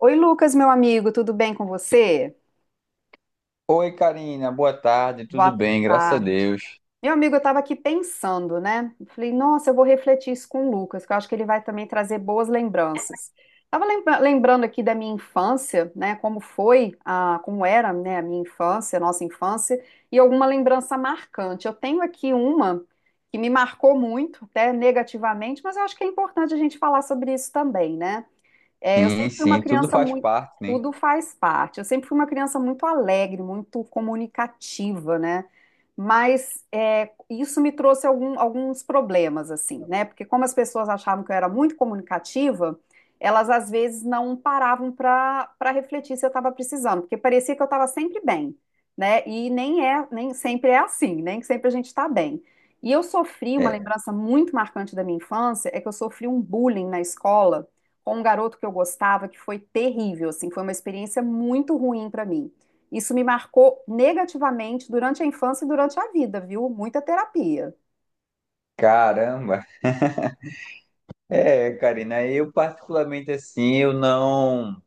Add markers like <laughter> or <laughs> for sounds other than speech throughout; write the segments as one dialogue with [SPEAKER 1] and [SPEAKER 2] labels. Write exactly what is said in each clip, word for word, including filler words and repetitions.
[SPEAKER 1] Oi, Lucas, meu amigo, tudo bem com você?
[SPEAKER 2] Oi, Karina, boa tarde, tudo
[SPEAKER 1] Boa
[SPEAKER 2] bem, graças a
[SPEAKER 1] tarde.
[SPEAKER 2] Deus.
[SPEAKER 1] Meu amigo, eu estava aqui pensando, né? Eu falei, nossa, eu vou refletir isso com o Lucas, que eu acho que ele vai também trazer boas lembranças. Estava lembrando aqui da minha infância, né? Como foi, a, como era, né, a minha infância, a nossa infância, e alguma lembrança marcante. Eu tenho aqui uma que me marcou muito, até negativamente, mas eu acho que é importante a gente falar sobre isso também, né? É, eu
[SPEAKER 2] Sim,
[SPEAKER 1] sempre fui uma
[SPEAKER 2] sim, tudo
[SPEAKER 1] criança
[SPEAKER 2] faz
[SPEAKER 1] muito.
[SPEAKER 2] parte, né?
[SPEAKER 1] Tudo faz parte. Eu sempre fui uma criança muito alegre, muito comunicativa, né? Mas é, isso me trouxe algum, alguns problemas, assim, né? Porque como as pessoas achavam que eu era muito comunicativa, elas às vezes não paravam para para refletir se eu estava precisando, porque parecia que eu estava sempre bem, né? E nem é, nem sempre é assim, né? Nem sempre a gente está bem. E eu sofri uma
[SPEAKER 2] É,
[SPEAKER 1] lembrança muito marcante da minha infância, é que eu sofri um bullying na escola com um garoto que eu gostava, que foi terrível, assim, foi uma experiência muito ruim para mim. Isso me marcou negativamente durante a infância e durante a vida, viu? Muita terapia.
[SPEAKER 2] caramba. É, Karina, eu particularmente assim, eu não,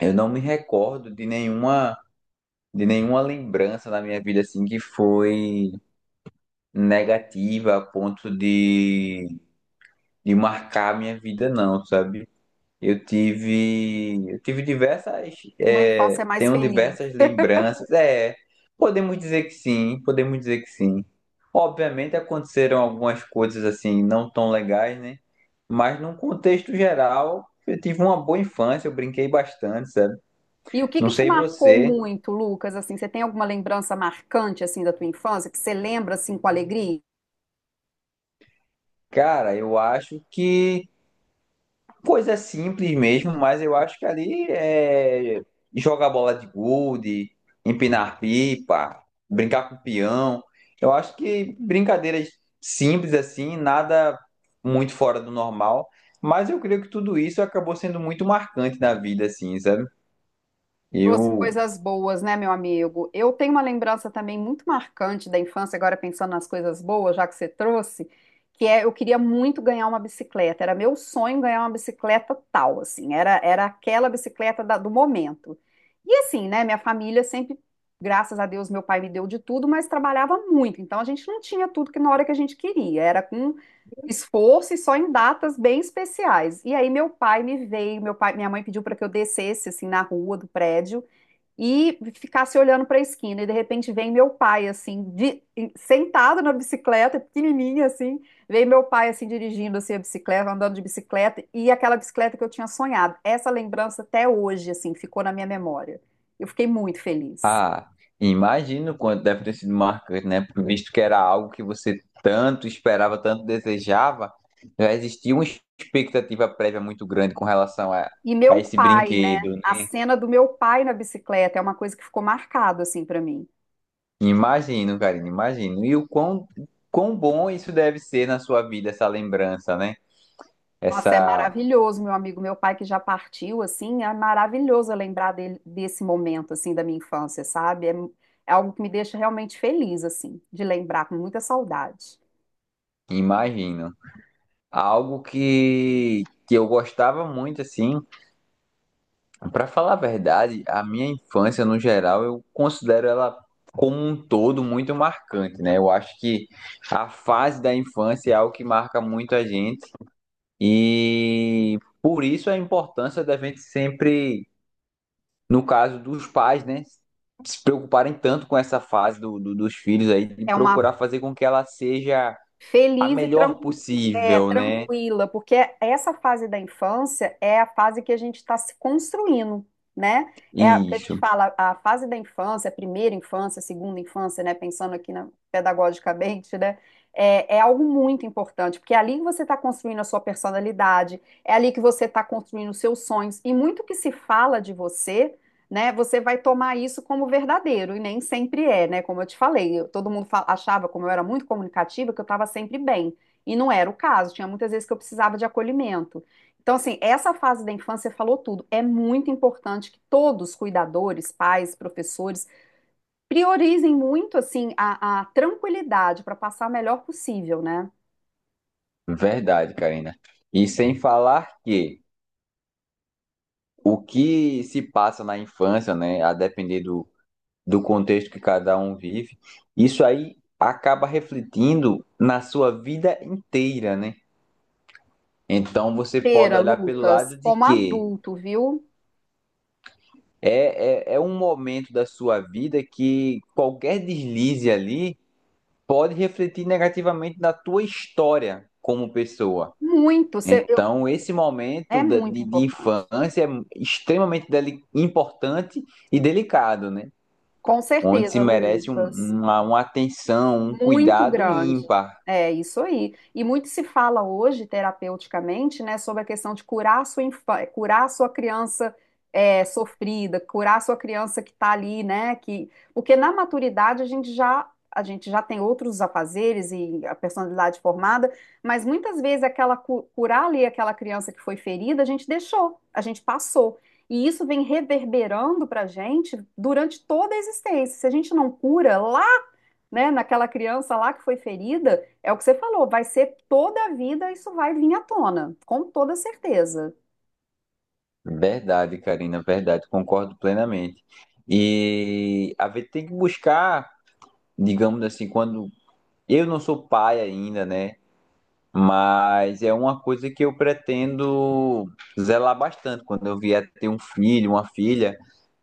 [SPEAKER 2] eu não me recordo de nenhuma, de nenhuma lembrança na minha vida assim que foi negativa a ponto de, de marcar a minha vida, não, sabe? Eu tive, eu tive diversas,
[SPEAKER 1] Uma infância
[SPEAKER 2] é,
[SPEAKER 1] mais
[SPEAKER 2] tenho
[SPEAKER 1] feliz.
[SPEAKER 2] diversas lembranças. É, podemos dizer que sim, podemos dizer que sim. Obviamente aconteceram algumas coisas assim não tão legais, né? Mas num contexto geral, eu tive uma boa infância, eu brinquei bastante, sabe?
[SPEAKER 1] E o que
[SPEAKER 2] Não
[SPEAKER 1] que te
[SPEAKER 2] sei
[SPEAKER 1] marcou
[SPEAKER 2] você,
[SPEAKER 1] muito, Lucas? Assim, você tem alguma lembrança marcante assim da tua infância que você lembra assim com alegria?
[SPEAKER 2] cara, eu acho que coisa simples mesmo, mas eu acho que ali é jogar bola de gude, empinar pipa, brincar com peão. Eu acho que brincadeiras simples assim, nada muito fora do normal. Mas eu creio que tudo isso acabou sendo muito marcante na vida, assim, sabe?
[SPEAKER 1] Trouxe
[SPEAKER 2] Eu
[SPEAKER 1] coisas boas, né, meu amigo? Eu tenho uma lembrança também muito marcante da infância, agora pensando nas coisas boas, já que você trouxe, que é eu queria muito ganhar uma bicicleta. Era meu sonho ganhar uma bicicleta tal, assim, era, era aquela bicicleta da- do momento. E assim, né, minha família sempre, graças a Deus, meu pai me deu de tudo, mas trabalhava muito, então a gente não tinha tudo que na hora que a gente queria, era com esforço e só em datas bem especiais. E aí meu pai me veio, meu pai, minha mãe pediu para que eu descesse assim na rua do prédio e ficasse olhando para a esquina. E de repente vem meu pai, assim, de- sentado na bicicleta, pequenininha, assim. Vem meu pai, assim, dirigindo assim, a bicicleta, andando de bicicleta, e aquela bicicleta que eu tinha sonhado. Essa lembrança até hoje, assim, ficou na minha memória. Eu fiquei muito feliz.
[SPEAKER 2] Ah, Imagino quanto deve ter sido marcante, né? Visto que era algo que você tanto esperava, tanto desejava, já existia uma expectativa prévia muito grande com relação a,
[SPEAKER 1] E
[SPEAKER 2] a
[SPEAKER 1] meu
[SPEAKER 2] esse
[SPEAKER 1] pai, né?
[SPEAKER 2] brinquedo,
[SPEAKER 1] A
[SPEAKER 2] né?
[SPEAKER 1] cena do meu pai na bicicleta é uma coisa que ficou marcado, assim, para mim.
[SPEAKER 2] Imagino, Karina, imagino. E o quão, quão bom isso deve ser na sua vida, essa lembrança, né?
[SPEAKER 1] Nossa, é
[SPEAKER 2] Essa,
[SPEAKER 1] maravilhoso, meu amigo, meu pai que já partiu, assim, é maravilhoso eu lembrar dele, desse momento, assim, da minha infância, sabe? É, é algo que me deixa realmente feliz, assim, de lembrar com muita saudade.
[SPEAKER 2] imagino. Algo que, que eu gostava muito, assim, pra falar a verdade, a minha infância no geral eu considero ela como um todo muito marcante, né? Eu acho que a fase da infância é algo que marca muito a gente e por isso a importância da gente sempre, no caso dos pais, né, se preocuparem tanto com essa fase do, do- dos filhos aí, de
[SPEAKER 1] É uma
[SPEAKER 2] procurar fazer com que ela seja a
[SPEAKER 1] feliz e
[SPEAKER 2] melhor
[SPEAKER 1] tranquila. É,
[SPEAKER 2] possível, né?
[SPEAKER 1] tranquila, porque essa fase da infância é a fase que a gente está se construindo, né? É a que a gente
[SPEAKER 2] Isso,
[SPEAKER 1] fala, a fase da infância, a primeira infância, a segunda infância, né? Pensando aqui na, pedagogicamente, né? É, é algo muito importante, porque é ali que você está construindo a sua personalidade, é ali que você está construindo os seus sonhos, e muito que se fala de você, né? Você vai tomar isso como verdadeiro, e nem sempre é, né? Como eu te falei, eu- todo mundo fa- achava, como eu era muito comunicativa, que eu estava sempre bem. E não era o caso, tinha muitas vezes que eu precisava de acolhimento. Então, assim, essa fase da infância falou tudo. É muito importante que todos, cuidadores, pais, professores, priorizem muito, assim, a, a tranquilidade para passar o melhor possível, né?
[SPEAKER 2] verdade, Karina. E sem falar que o que se passa na infância, né, a depender do, do contexto que cada um vive, isso aí acaba refletindo na sua vida inteira, né? Então você pode
[SPEAKER 1] Pera,
[SPEAKER 2] olhar pelo
[SPEAKER 1] Lucas,
[SPEAKER 2] lado de
[SPEAKER 1] como
[SPEAKER 2] que
[SPEAKER 1] adulto, viu?
[SPEAKER 2] é, é, é um momento da sua vida que qualquer deslize ali pode refletir negativamente na tua história como pessoa.
[SPEAKER 1] Muito, cê- eu-
[SPEAKER 2] Então, esse momento
[SPEAKER 1] é
[SPEAKER 2] da-
[SPEAKER 1] muito
[SPEAKER 2] de, de
[SPEAKER 1] importante.
[SPEAKER 2] infância é extremamente deli- importante e delicado, né?
[SPEAKER 1] Com
[SPEAKER 2] Onde se
[SPEAKER 1] certeza,
[SPEAKER 2] merece um-
[SPEAKER 1] Lucas.
[SPEAKER 2] uma, uma atenção, um
[SPEAKER 1] Muito
[SPEAKER 2] cuidado
[SPEAKER 1] grande.
[SPEAKER 2] ímpar.
[SPEAKER 1] É isso aí. E muito se fala hoje, terapeuticamente, né, sobre a questão de curar a sua infa- curar a sua criança é, sofrida, curar a sua criança que está ali, né, que porque na maturidade a gente já a gente já tem outros afazeres e a personalidade formada, mas muitas vezes aquela cu- curar ali aquela criança que foi ferida, a gente deixou, a gente passou. E isso vem reverberando para a gente durante toda a existência. Se a gente não cura lá, né, naquela criança lá que foi ferida, é o que você falou, vai ser toda a vida, isso vai vir à tona, com toda certeza.
[SPEAKER 2] Verdade, Karina, verdade, concordo plenamente. E a gente tem que buscar, digamos assim, quando eu não sou pai ainda, né? Mas é uma coisa que eu pretendo zelar bastante quando eu vier ter um filho, uma filha,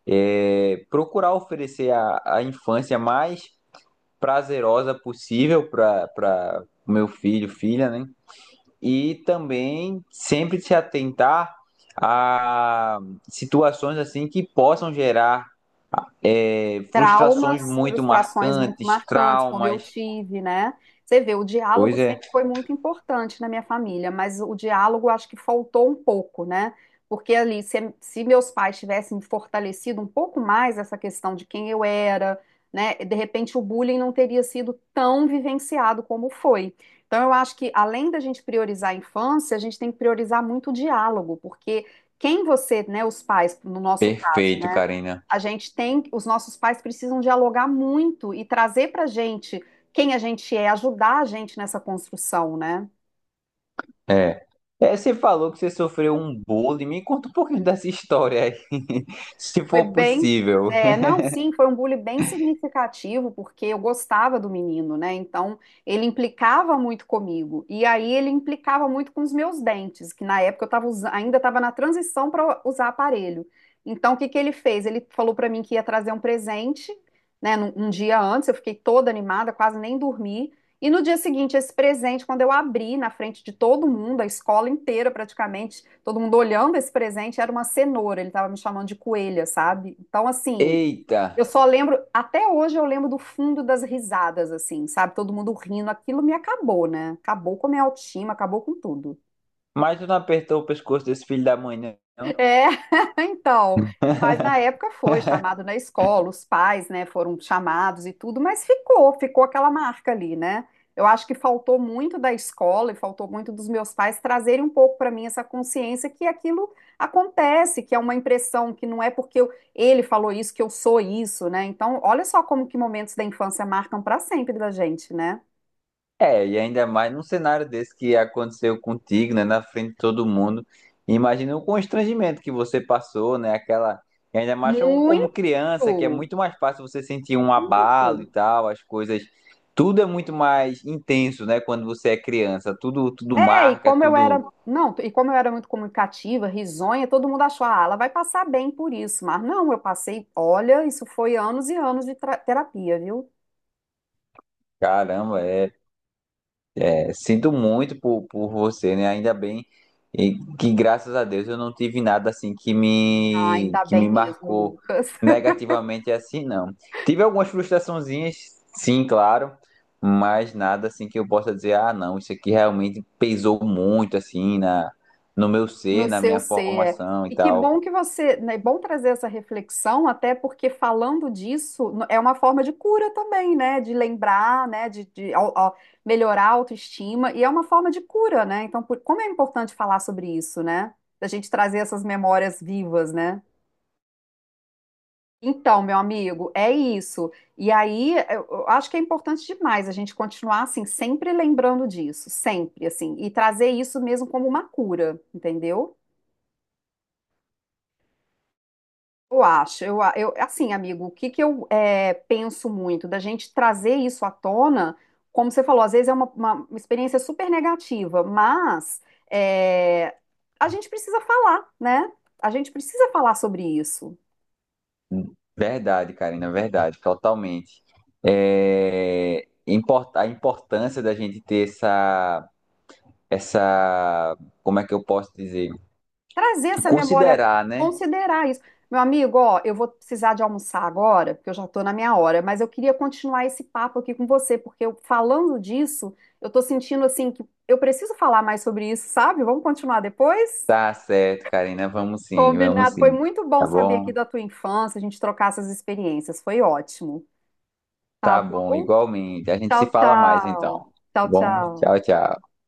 [SPEAKER 2] é procurar oferecer a, a infância mais prazerosa possível para para meu filho, filha, né? E também sempre se atentar a situações assim que possam gerar é, frustrações
[SPEAKER 1] Traumas,
[SPEAKER 2] muito
[SPEAKER 1] frustrações muito
[SPEAKER 2] marcantes,
[SPEAKER 1] marcantes, como eu
[SPEAKER 2] traumas.
[SPEAKER 1] tive, né? Você vê, o
[SPEAKER 2] Pois
[SPEAKER 1] diálogo
[SPEAKER 2] é,
[SPEAKER 1] sempre foi muito importante na minha família, mas o diálogo acho que faltou um pouco, né? Porque ali, se, se meus pais tivessem fortalecido um pouco mais essa questão de quem eu era, né? De repente o bullying não teria sido tão vivenciado como foi. Então eu acho que além da gente priorizar a infância, a gente tem que priorizar muito o diálogo, porque quem você, né, os pais, no nosso caso,
[SPEAKER 2] perfeito,
[SPEAKER 1] né?
[SPEAKER 2] Karina.
[SPEAKER 1] A gente tem, os nossos pais precisam dialogar muito e trazer para a gente quem a gente é, ajudar a gente nessa construção, né?
[SPEAKER 2] É. É, você falou que você sofreu um bullying. Me conta um pouquinho <laughs> dessa história aí, <laughs> se
[SPEAKER 1] Foi
[SPEAKER 2] for
[SPEAKER 1] bem,
[SPEAKER 2] possível.
[SPEAKER 1] é, não, sim, foi um bullying bem significativo, porque eu gostava do menino, né? Então, ele implicava muito comigo. E aí, ele implicava muito com os meus dentes, que na época eu tava, usa- ainda estava na transição para usar aparelho. Então, o que que ele fez? Ele falou para mim que ia trazer um presente, né? num- Um dia antes, eu fiquei toda animada, quase nem dormi. E no dia seguinte, esse presente, quando eu abri na frente de todo mundo, a escola inteira praticamente, todo mundo olhando esse presente, era uma cenoura, ele estava me chamando de coelha, sabe? Então, assim,
[SPEAKER 2] Eita,
[SPEAKER 1] eu só lembro, até hoje eu lembro do fundo das risadas, assim, sabe? Todo mundo rindo, aquilo me acabou, né? Acabou com a minha autoestima, acabou com tudo.
[SPEAKER 2] mas tu não apertou o pescoço desse filho da mãe, não?
[SPEAKER 1] É, <laughs> então, mas na época foi chamado na escola, os pais, né, foram chamados e tudo, mas ficou, ficou, aquela marca ali, né? Eu acho que faltou muito da escola e faltou muito dos meus pais trazerem um pouco para mim essa consciência que aquilo acontece, que é uma impressão, que não é porque eu- ele falou isso que eu sou isso, né? Então, olha só como que momentos da infância marcam para sempre da gente, né?
[SPEAKER 2] É, e ainda mais num cenário desse que aconteceu contigo, né, na frente de todo mundo. Imagina o constrangimento que você passou, né, aquela... E ainda mais como como
[SPEAKER 1] Muito,
[SPEAKER 2] criança, que é muito mais fácil você sentir um abalo e
[SPEAKER 1] muito.
[SPEAKER 2] tal, as coisas... Tudo é muito mais intenso, né, quando você é criança. Tudo, tudo
[SPEAKER 1] É, e
[SPEAKER 2] marca,
[SPEAKER 1] como eu
[SPEAKER 2] tudo...
[SPEAKER 1] era, não, e como eu era muito comunicativa, risonha, todo mundo achou, ah, ela vai passar bem por isso, mas não, eu passei, olha, isso foi anos e anos de tra- terapia, viu?
[SPEAKER 2] Caramba, é... É, sinto muito por, por você, né? Ainda bem e que graças a Deus eu não tive nada assim que
[SPEAKER 1] Ah,
[SPEAKER 2] me
[SPEAKER 1] ainda
[SPEAKER 2] que me
[SPEAKER 1] bem mesmo,
[SPEAKER 2] marcou
[SPEAKER 1] Lucas, <laughs>
[SPEAKER 2] negativamente assim, não. Tive algumas frustraçõezinhas, sim, claro, mas nada assim que eu possa dizer, ah, não, isso aqui realmente pesou muito assim na no meu ser,
[SPEAKER 1] no
[SPEAKER 2] na
[SPEAKER 1] seu
[SPEAKER 2] minha
[SPEAKER 1] ser.
[SPEAKER 2] formação e
[SPEAKER 1] E que
[SPEAKER 2] tal.
[SPEAKER 1] bom que você, né, é bom trazer essa reflexão, até porque falando disso no- é uma forma de cura também, né? De lembrar, né? De, de au- au- melhorar a autoestima, e é uma forma de cura, né? Então, por- como é importante falar sobre isso, né? Da gente trazer essas memórias vivas, né? Então, meu amigo, é isso. E aí, eu eu acho que é importante demais a gente continuar assim, sempre lembrando disso, sempre assim, e trazer isso mesmo como uma cura, entendeu? Eu acho, eu, a- eu assim, amigo, o que que eu é, penso muito da gente trazer isso à tona, como você falou, às vezes é uma, uma experiência super negativa, mas é, a gente precisa falar, né? A gente precisa falar sobre isso.
[SPEAKER 2] Verdade, Karina, verdade, totalmente. É import- a importância da gente ter essa essa, como é que eu posso dizer?
[SPEAKER 1] Trazer essa memória,
[SPEAKER 2] Considerar, né?
[SPEAKER 1] considerar isso. Meu amigo, ó, eu vou precisar de almoçar agora, porque eu já estou na minha hora, mas eu queria continuar esse papo aqui com você, porque eu, falando disso, eu estou sentindo assim que eu preciso falar mais sobre isso, sabe? Vamos continuar depois?
[SPEAKER 2] Tá certo, Karina, vamos sim, vamos
[SPEAKER 1] Combinado. Foi
[SPEAKER 2] sim.
[SPEAKER 1] muito bom
[SPEAKER 2] Tá
[SPEAKER 1] saber aqui
[SPEAKER 2] bom?
[SPEAKER 1] da tua infância, a gente trocar essas experiências. Foi ótimo. Tá
[SPEAKER 2] Tá bom,
[SPEAKER 1] bom?
[SPEAKER 2] igualmente. A gente se
[SPEAKER 1] Tchau,
[SPEAKER 2] fala mais então.
[SPEAKER 1] tchau.
[SPEAKER 2] Tá
[SPEAKER 1] Tchau,
[SPEAKER 2] bom? Tchau,
[SPEAKER 1] tchau.
[SPEAKER 2] tchau.